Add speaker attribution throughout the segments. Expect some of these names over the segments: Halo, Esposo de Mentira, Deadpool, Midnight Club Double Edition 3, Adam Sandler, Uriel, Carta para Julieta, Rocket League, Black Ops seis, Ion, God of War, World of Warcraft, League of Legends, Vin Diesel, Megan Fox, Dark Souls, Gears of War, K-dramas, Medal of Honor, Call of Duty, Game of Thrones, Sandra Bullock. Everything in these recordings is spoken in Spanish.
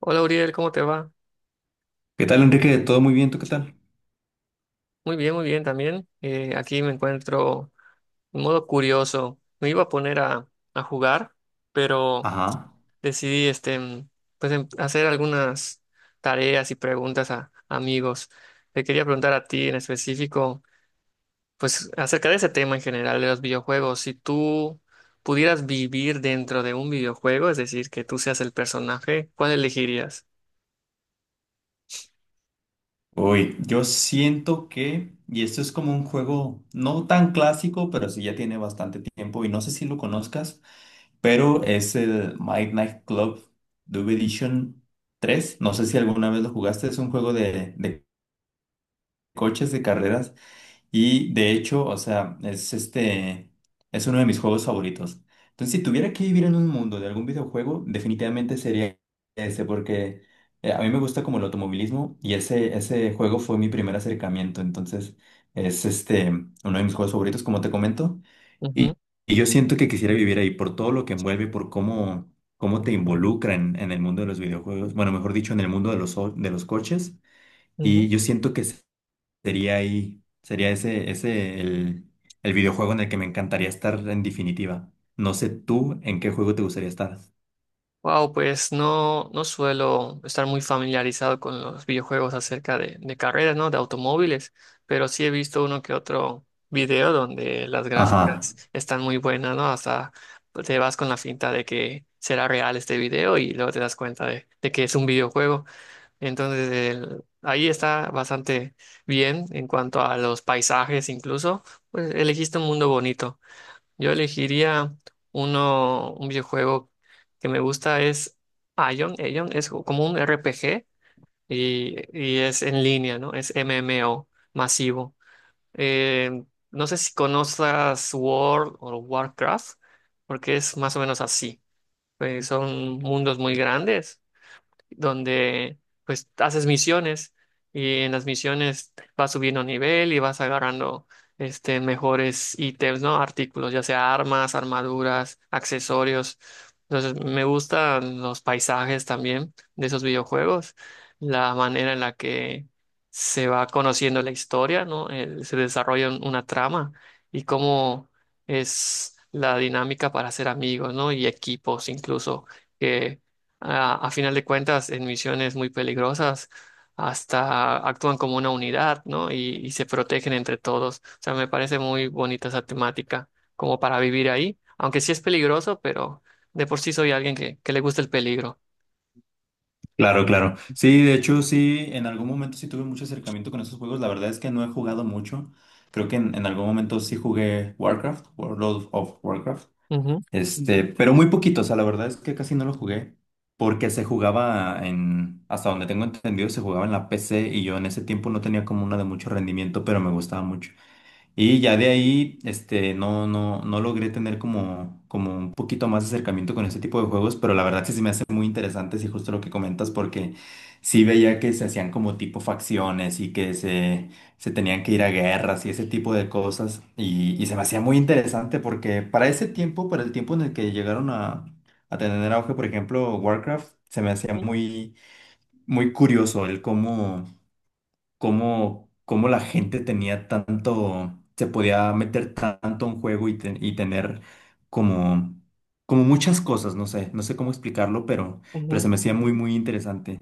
Speaker 1: Hola Uriel, ¿cómo te va?
Speaker 2: ¿Qué tal, Enrique? ¿Todo muy bien? ¿Tú qué tal?
Speaker 1: Muy bien también. Aquí me encuentro en modo curioso. Me iba a poner a jugar, pero
Speaker 2: Ajá.
Speaker 1: decidí pues, hacer algunas tareas y preguntas a amigos. Te quería preguntar a ti en específico, pues acerca de ese tema en general de los videojuegos. Si tú pudieras vivir dentro de un videojuego, es decir, que tú seas el personaje, ¿cuál elegirías?
Speaker 2: Uy, yo siento que, y esto es como un juego no tan clásico, pero sí ya tiene bastante tiempo y no sé si lo conozcas, pero es el Midnight Club Double Edition 3. No sé si alguna vez lo jugaste, es un juego de coches, de carreras. Y de hecho, o sea, es este, es uno de mis juegos favoritos. Entonces, si tuviera que vivir en un mundo de algún videojuego, definitivamente sería ese, porque a mí me gusta como el automovilismo y ese juego fue mi primer acercamiento. Entonces, es este, uno de mis juegos favoritos, como te comento. Y,
Speaker 1: Ujú,
Speaker 2: y yo siento que quisiera vivir ahí por todo lo que envuelve, por cómo, cómo te involucra en el mundo de los videojuegos. Bueno, mejor dicho, en el mundo de los, de los coches. Y
Speaker 1: ujú.
Speaker 2: yo siento que sería ahí, sería ese, ese el videojuego en el que me encantaría estar en definitiva. No sé tú en qué juego te gustaría estar.
Speaker 1: Wow, pues no suelo estar muy familiarizado con los videojuegos acerca de carreras, ¿no? De automóviles, pero sí he visto uno que otro video donde las
Speaker 2: Ajá,
Speaker 1: gráficas están muy buenas, ¿no? Hasta te vas con la finta de que será real este video y luego te das cuenta de que es un videojuego. Entonces, ahí está bastante bien en cuanto a los paisajes, incluso, pues elegiste un mundo bonito. Yo elegiría un videojuego que me gusta es Ion. Ion es como un RPG y es en línea, ¿no? Es MMO masivo. Eh, no sé si conozcas World o Warcraft, porque es más o menos así. Son mundos muy grandes donde pues haces misiones y en las misiones vas subiendo nivel y vas agarrando este mejores ítems, ¿no? Artículos, ya sea armas, armaduras, accesorios. Entonces, me gustan los paisajes también de esos videojuegos, la manera en la que se va conociendo la historia, ¿no? Se desarrolla una trama y cómo es la dinámica para hacer amigos, ¿no? Y equipos incluso a final de cuentas, en misiones muy peligrosas, hasta actúan como una unidad, ¿no? Y se protegen entre todos. O sea, me parece muy bonita esa temática, como para vivir ahí, aunque sí es peligroso, pero de por sí soy alguien que le gusta el peligro.
Speaker 2: claro, claro. Sí, de hecho, sí, en algún momento sí tuve mucho acercamiento con esos juegos. La verdad es que no he jugado mucho. Creo que en algún momento sí jugué Warcraft, World of Warcraft.
Speaker 1: Ujú,
Speaker 2: Este, pero muy poquito, o sea, la verdad es que casi no lo jugué. Porque se jugaba en, hasta donde tengo entendido, se jugaba en la PC y yo en ese tiempo no tenía como una de mucho rendimiento, pero me gustaba mucho. Y ya de ahí, este, no logré tener como, como un poquito más de acercamiento con este tipo de juegos, pero la verdad sí se me hacen muy interesantes y justo lo que comentas, porque sí veía que se hacían como tipo facciones y que se tenían que ir a guerras y ese tipo de cosas. Y se me hacía muy interesante porque para ese tiempo, para el tiempo en el que llegaron a tener auge, por ejemplo, Warcraft, se me hacía muy, muy curioso el cómo cómo la gente tenía tanto, se podía meter tanto en juego y, y tener como, como muchas cosas, no sé, no sé cómo explicarlo,
Speaker 1: ujú,
Speaker 2: pero se
Speaker 1: ujú.
Speaker 2: me hacía muy, muy interesante.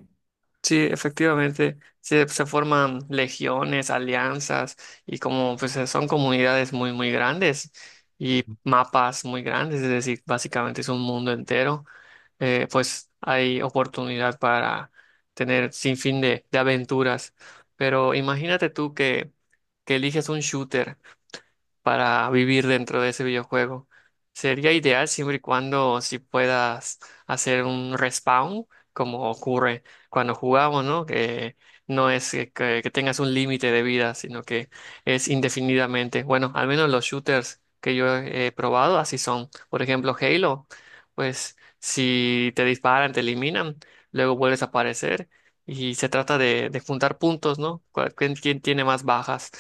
Speaker 1: Sí, efectivamente, se forman legiones, alianzas y como pues son comunidades muy, muy grandes y mapas muy grandes, es decir, básicamente es un mundo entero pues hay oportunidad para tener sin fin de aventuras. Pero imagínate tú que eliges un shooter para vivir dentro de ese videojuego. Sería ideal siempre y cuando si puedas hacer un respawn, como ocurre cuando jugamos, ¿no? Que no es que tengas un límite de vida, sino que es indefinidamente. Bueno, al menos los shooters que yo he probado así son. Por ejemplo, Halo, pues si te disparan, te eliminan, luego vuelves a aparecer. Y se trata de juntar puntos, ¿no? ¿Quién tiene más bajas?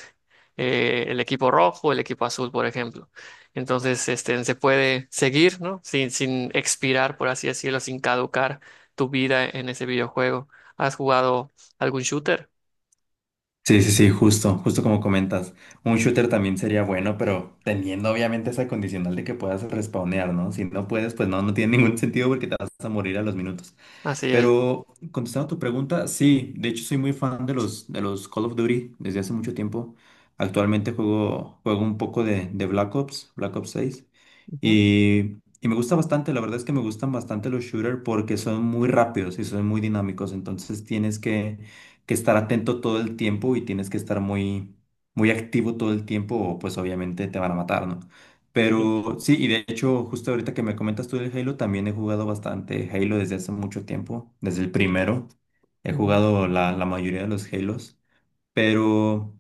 Speaker 1: El equipo rojo, el equipo azul, por ejemplo. Entonces, este, se puede seguir, ¿no? Sin expirar, por así decirlo, sin caducar tu vida en ese videojuego. ¿Has jugado algún shooter?
Speaker 2: Sí, sí, sí, justo, justo como comentas. Un shooter también sería bueno, pero teniendo obviamente esa condicional de que puedas respawnear, ¿no? Si no puedes, pues no, no tiene ningún sentido porque te vas a morir a los minutos.
Speaker 1: Así es.
Speaker 2: Pero contestando tu pregunta, sí, de hecho soy muy fan de los Call of Duty desde hace mucho tiempo. Actualmente juego, juego un poco de Black Ops, Black Ops seis.
Speaker 1: Ujú.
Speaker 2: Y me gusta bastante, la verdad es que me gustan bastante los shooters porque son muy rápidos y son muy dinámicos. Entonces tienes que estar atento todo el tiempo y tienes que estar muy, muy activo todo el tiempo o pues obviamente te van a matar, ¿no?
Speaker 1: Sí,
Speaker 2: Pero sí, y de hecho, justo ahorita que me comentas tú del Halo, también he jugado bastante Halo desde hace mucho tiempo, desde el primero. He
Speaker 1: ujú.
Speaker 2: jugado la, la mayoría de los Halos, pero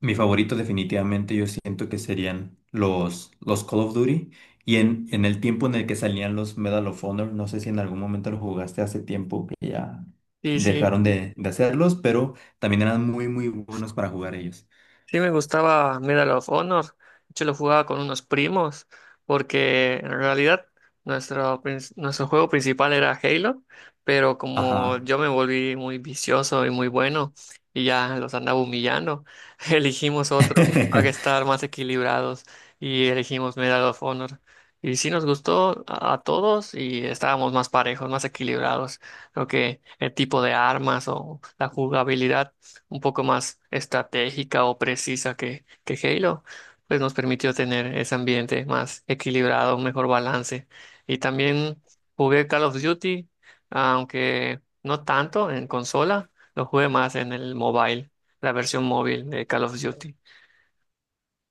Speaker 2: mi favorito definitivamente yo siento que serían los Call of Duty. Y en el tiempo en el que salían los Medal of Honor, no sé si en algún momento lo jugaste hace tiempo que ya
Speaker 1: Sí, sí.
Speaker 2: dejaron de hacerlos, pero también eran muy, muy buenos para jugar ellos.
Speaker 1: Sí, me gustaba Medal of Honor. De hecho, lo jugaba con unos primos, porque en realidad nuestro juego principal era Halo, pero como
Speaker 2: Ajá.
Speaker 1: yo me volví muy vicioso y muy bueno, y ya los andaba humillando, elegimos otro para estar más equilibrados y elegimos Medal of Honor. Y sí nos gustó a todos y estábamos más parejos, más equilibrados. Creo que el tipo de armas o la jugabilidad un poco más estratégica o precisa que Halo, pues nos permitió tener ese ambiente más equilibrado, un mejor balance. Y también jugué Call of Duty, aunque no tanto en consola, lo jugué más en el mobile, la versión móvil de Call of Duty.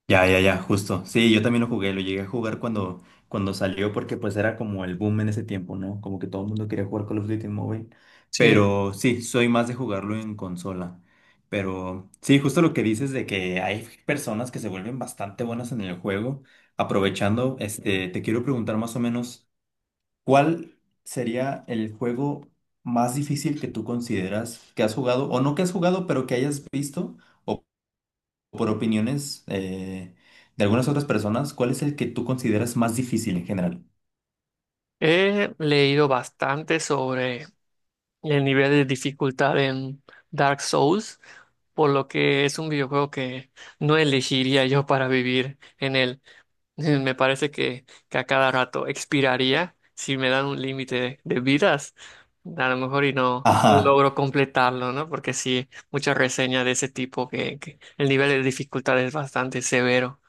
Speaker 2: Ya, ya, ya, justo. Sí, yo también lo jugué, lo llegué a jugar cuando, cuando salió porque pues era como el boom en ese tiempo, ¿no? Como que todo el mundo quería jugar Call of Duty en móvil.
Speaker 1: Sí,
Speaker 2: Pero sí, soy más de jugarlo en consola. Pero sí, justo lo que dices de que hay personas que se vuelven bastante buenas en el juego. Aprovechando, este, te quiero preguntar más o menos, ¿cuál sería el juego más difícil que tú consideras que has jugado o no que has jugado, pero que hayas visto? Por opiniones de algunas otras personas, ¿cuál es el que tú consideras más difícil en general?
Speaker 1: he leído bastante sobre el nivel de dificultad en Dark Souls, por lo que es un videojuego que no elegiría yo para vivir en él. Me parece que a cada rato expiraría si me dan un límite de vidas, a lo mejor y no
Speaker 2: Ajá,
Speaker 1: logro completarlo, ¿no? Porque sí, muchas reseñas de ese tipo que el nivel de dificultad es bastante severo.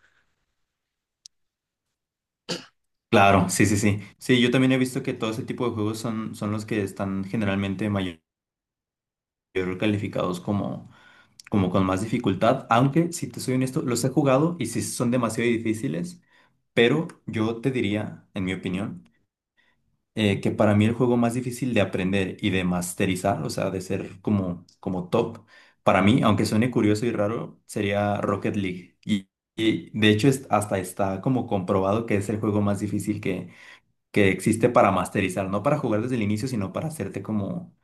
Speaker 2: claro, sí, sí, sí. Sí, yo también he visto que todo ese tipo de juegos son, son los que están generalmente mayor calificados como, como con más dificultad, aunque si te soy honesto, los he jugado y sí son demasiado difíciles, pero yo te diría, en mi opinión, que para mí el juego más difícil de aprender y de masterizar, o sea, de ser como, como top, para mí, aunque suene curioso y raro, sería Rocket League. Y de hecho hasta está como comprobado que es el juego más difícil que existe para masterizar, no para jugar desde el inicio, sino para hacerte como,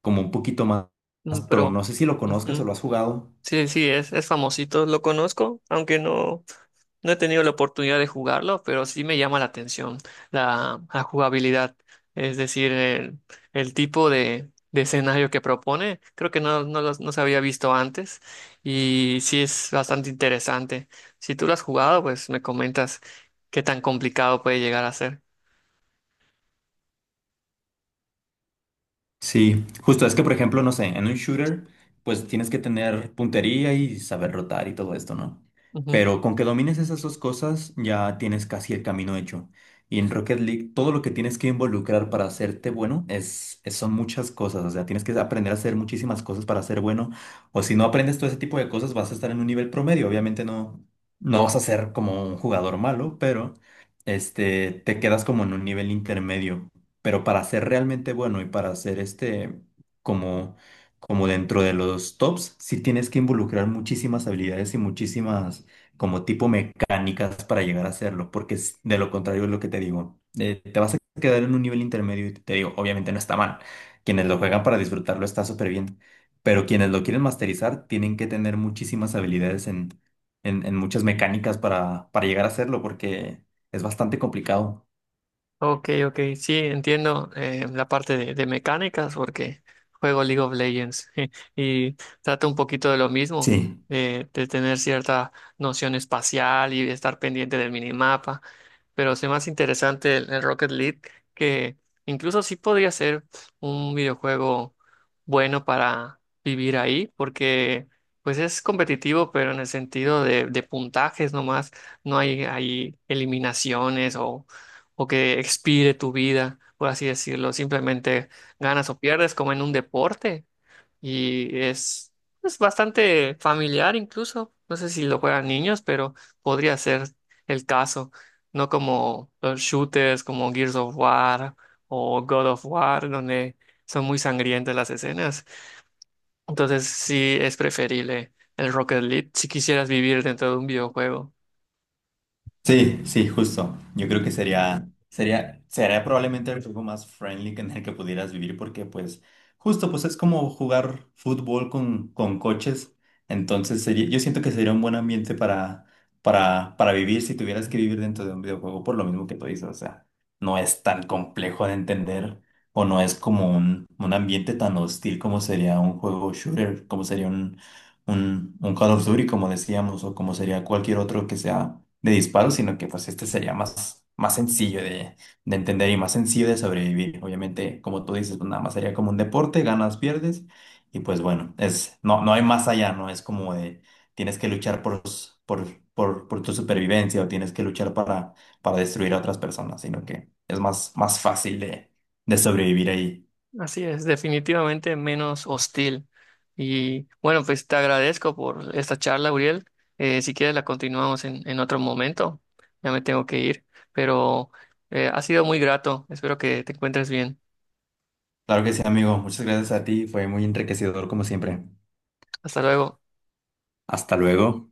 Speaker 2: como un poquito más, más
Speaker 1: Mm,
Speaker 2: pro.
Speaker 1: pero
Speaker 2: No sé si lo conozcas o
Speaker 1: ujú,
Speaker 2: lo has jugado.
Speaker 1: sí, es famosito, lo conozco, aunque no. No he tenido la oportunidad de jugarlo, pero sí me llama la atención la jugabilidad, es decir, el tipo de escenario que propone. Creo que no se había visto antes y sí es bastante interesante. Si tú lo has jugado, pues me comentas qué tan complicado puede llegar a ser.
Speaker 2: Sí, justo es que, por ejemplo, no sé, en un shooter, pues tienes que tener puntería y saber rotar y todo esto, ¿no? Pero con que domines esas dos cosas, ya tienes casi el camino hecho. Y en Rocket League, todo lo que tienes que involucrar para hacerte bueno es, son muchas cosas. O sea, tienes que aprender a hacer muchísimas cosas para ser bueno. O si no aprendes todo ese tipo de cosas, vas a estar en un nivel promedio. Obviamente no vas a ser como un jugador malo, pero este, te quedas como en un nivel intermedio. Pero para ser realmente bueno y para ser este como, como dentro de los tops, sí tienes que involucrar muchísimas habilidades y muchísimas como tipo mecánicas para llegar a hacerlo, porque de lo contrario es lo que te digo. Te vas a quedar en un nivel intermedio y te digo, obviamente no está mal. Quienes lo juegan para disfrutarlo está súper bien, pero quienes lo quieren masterizar tienen que tener muchísimas habilidades en, en muchas mecánicas para llegar a hacerlo, porque es bastante complicado.
Speaker 1: Ok, ok, sí, entiendo la parte de mecánicas porque juego League of Legends y trata un poquito de lo mismo,
Speaker 2: Sí.
Speaker 1: de tener cierta noción espacial y de estar pendiente del minimapa, pero es más interesante el Rocket League que incluso sí podría ser un videojuego bueno para vivir ahí porque pues es competitivo pero en el sentido de puntajes nomás, no hay, hay eliminaciones o que expire tu vida, por así decirlo. Simplemente ganas o pierdes como en un deporte y es bastante familiar incluso. No sé si lo juegan niños, pero podría ser el caso. No como los shooters como Gears of War o God of War, donde son muy sangrientas las escenas. Entonces sí es preferible el Rocket League si quisieras vivir dentro de un videojuego.
Speaker 2: Sí, sí, justo. Yo creo que sería, sería, sería probablemente el juego más friendly que en el que pudieras vivir porque pues justo pues es como jugar fútbol con coches. Entonces sería, yo siento que sería un buen ambiente para, para vivir si tuvieras que vivir dentro de un videojuego por lo mismo que tú dices. O sea, no es tan complejo de entender o no es como un ambiente tan hostil como sería un juego shooter, como sería un Call of Duty, como decíamos, o como sería cualquier otro que sea de disparo, sino que pues este sería más, más sencillo de entender y más sencillo de sobrevivir. Obviamente, como tú dices, pues nada más sería como un deporte, ganas, pierdes, y pues bueno, es, no, no hay más allá, ¿no? Es como de tienes que luchar por, por, por tu supervivencia o tienes que luchar para destruir a otras personas, sino que es más, más fácil de sobrevivir ahí.
Speaker 1: Así es, definitivamente menos hostil. Y bueno, pues te agradezco por esta charla, Uriel. Si quieres la continuamos en otro momento. Ya me tengo que ir, pero ha sido muy grato. Espero que te encuentres bien.
Speaker 2: Claro que sí, amigo. Muchas gracias a ti. Fue muy enriquecedor como siempre.
Speaker 1: Hasta luego.
Speaker 2: Hasta luego.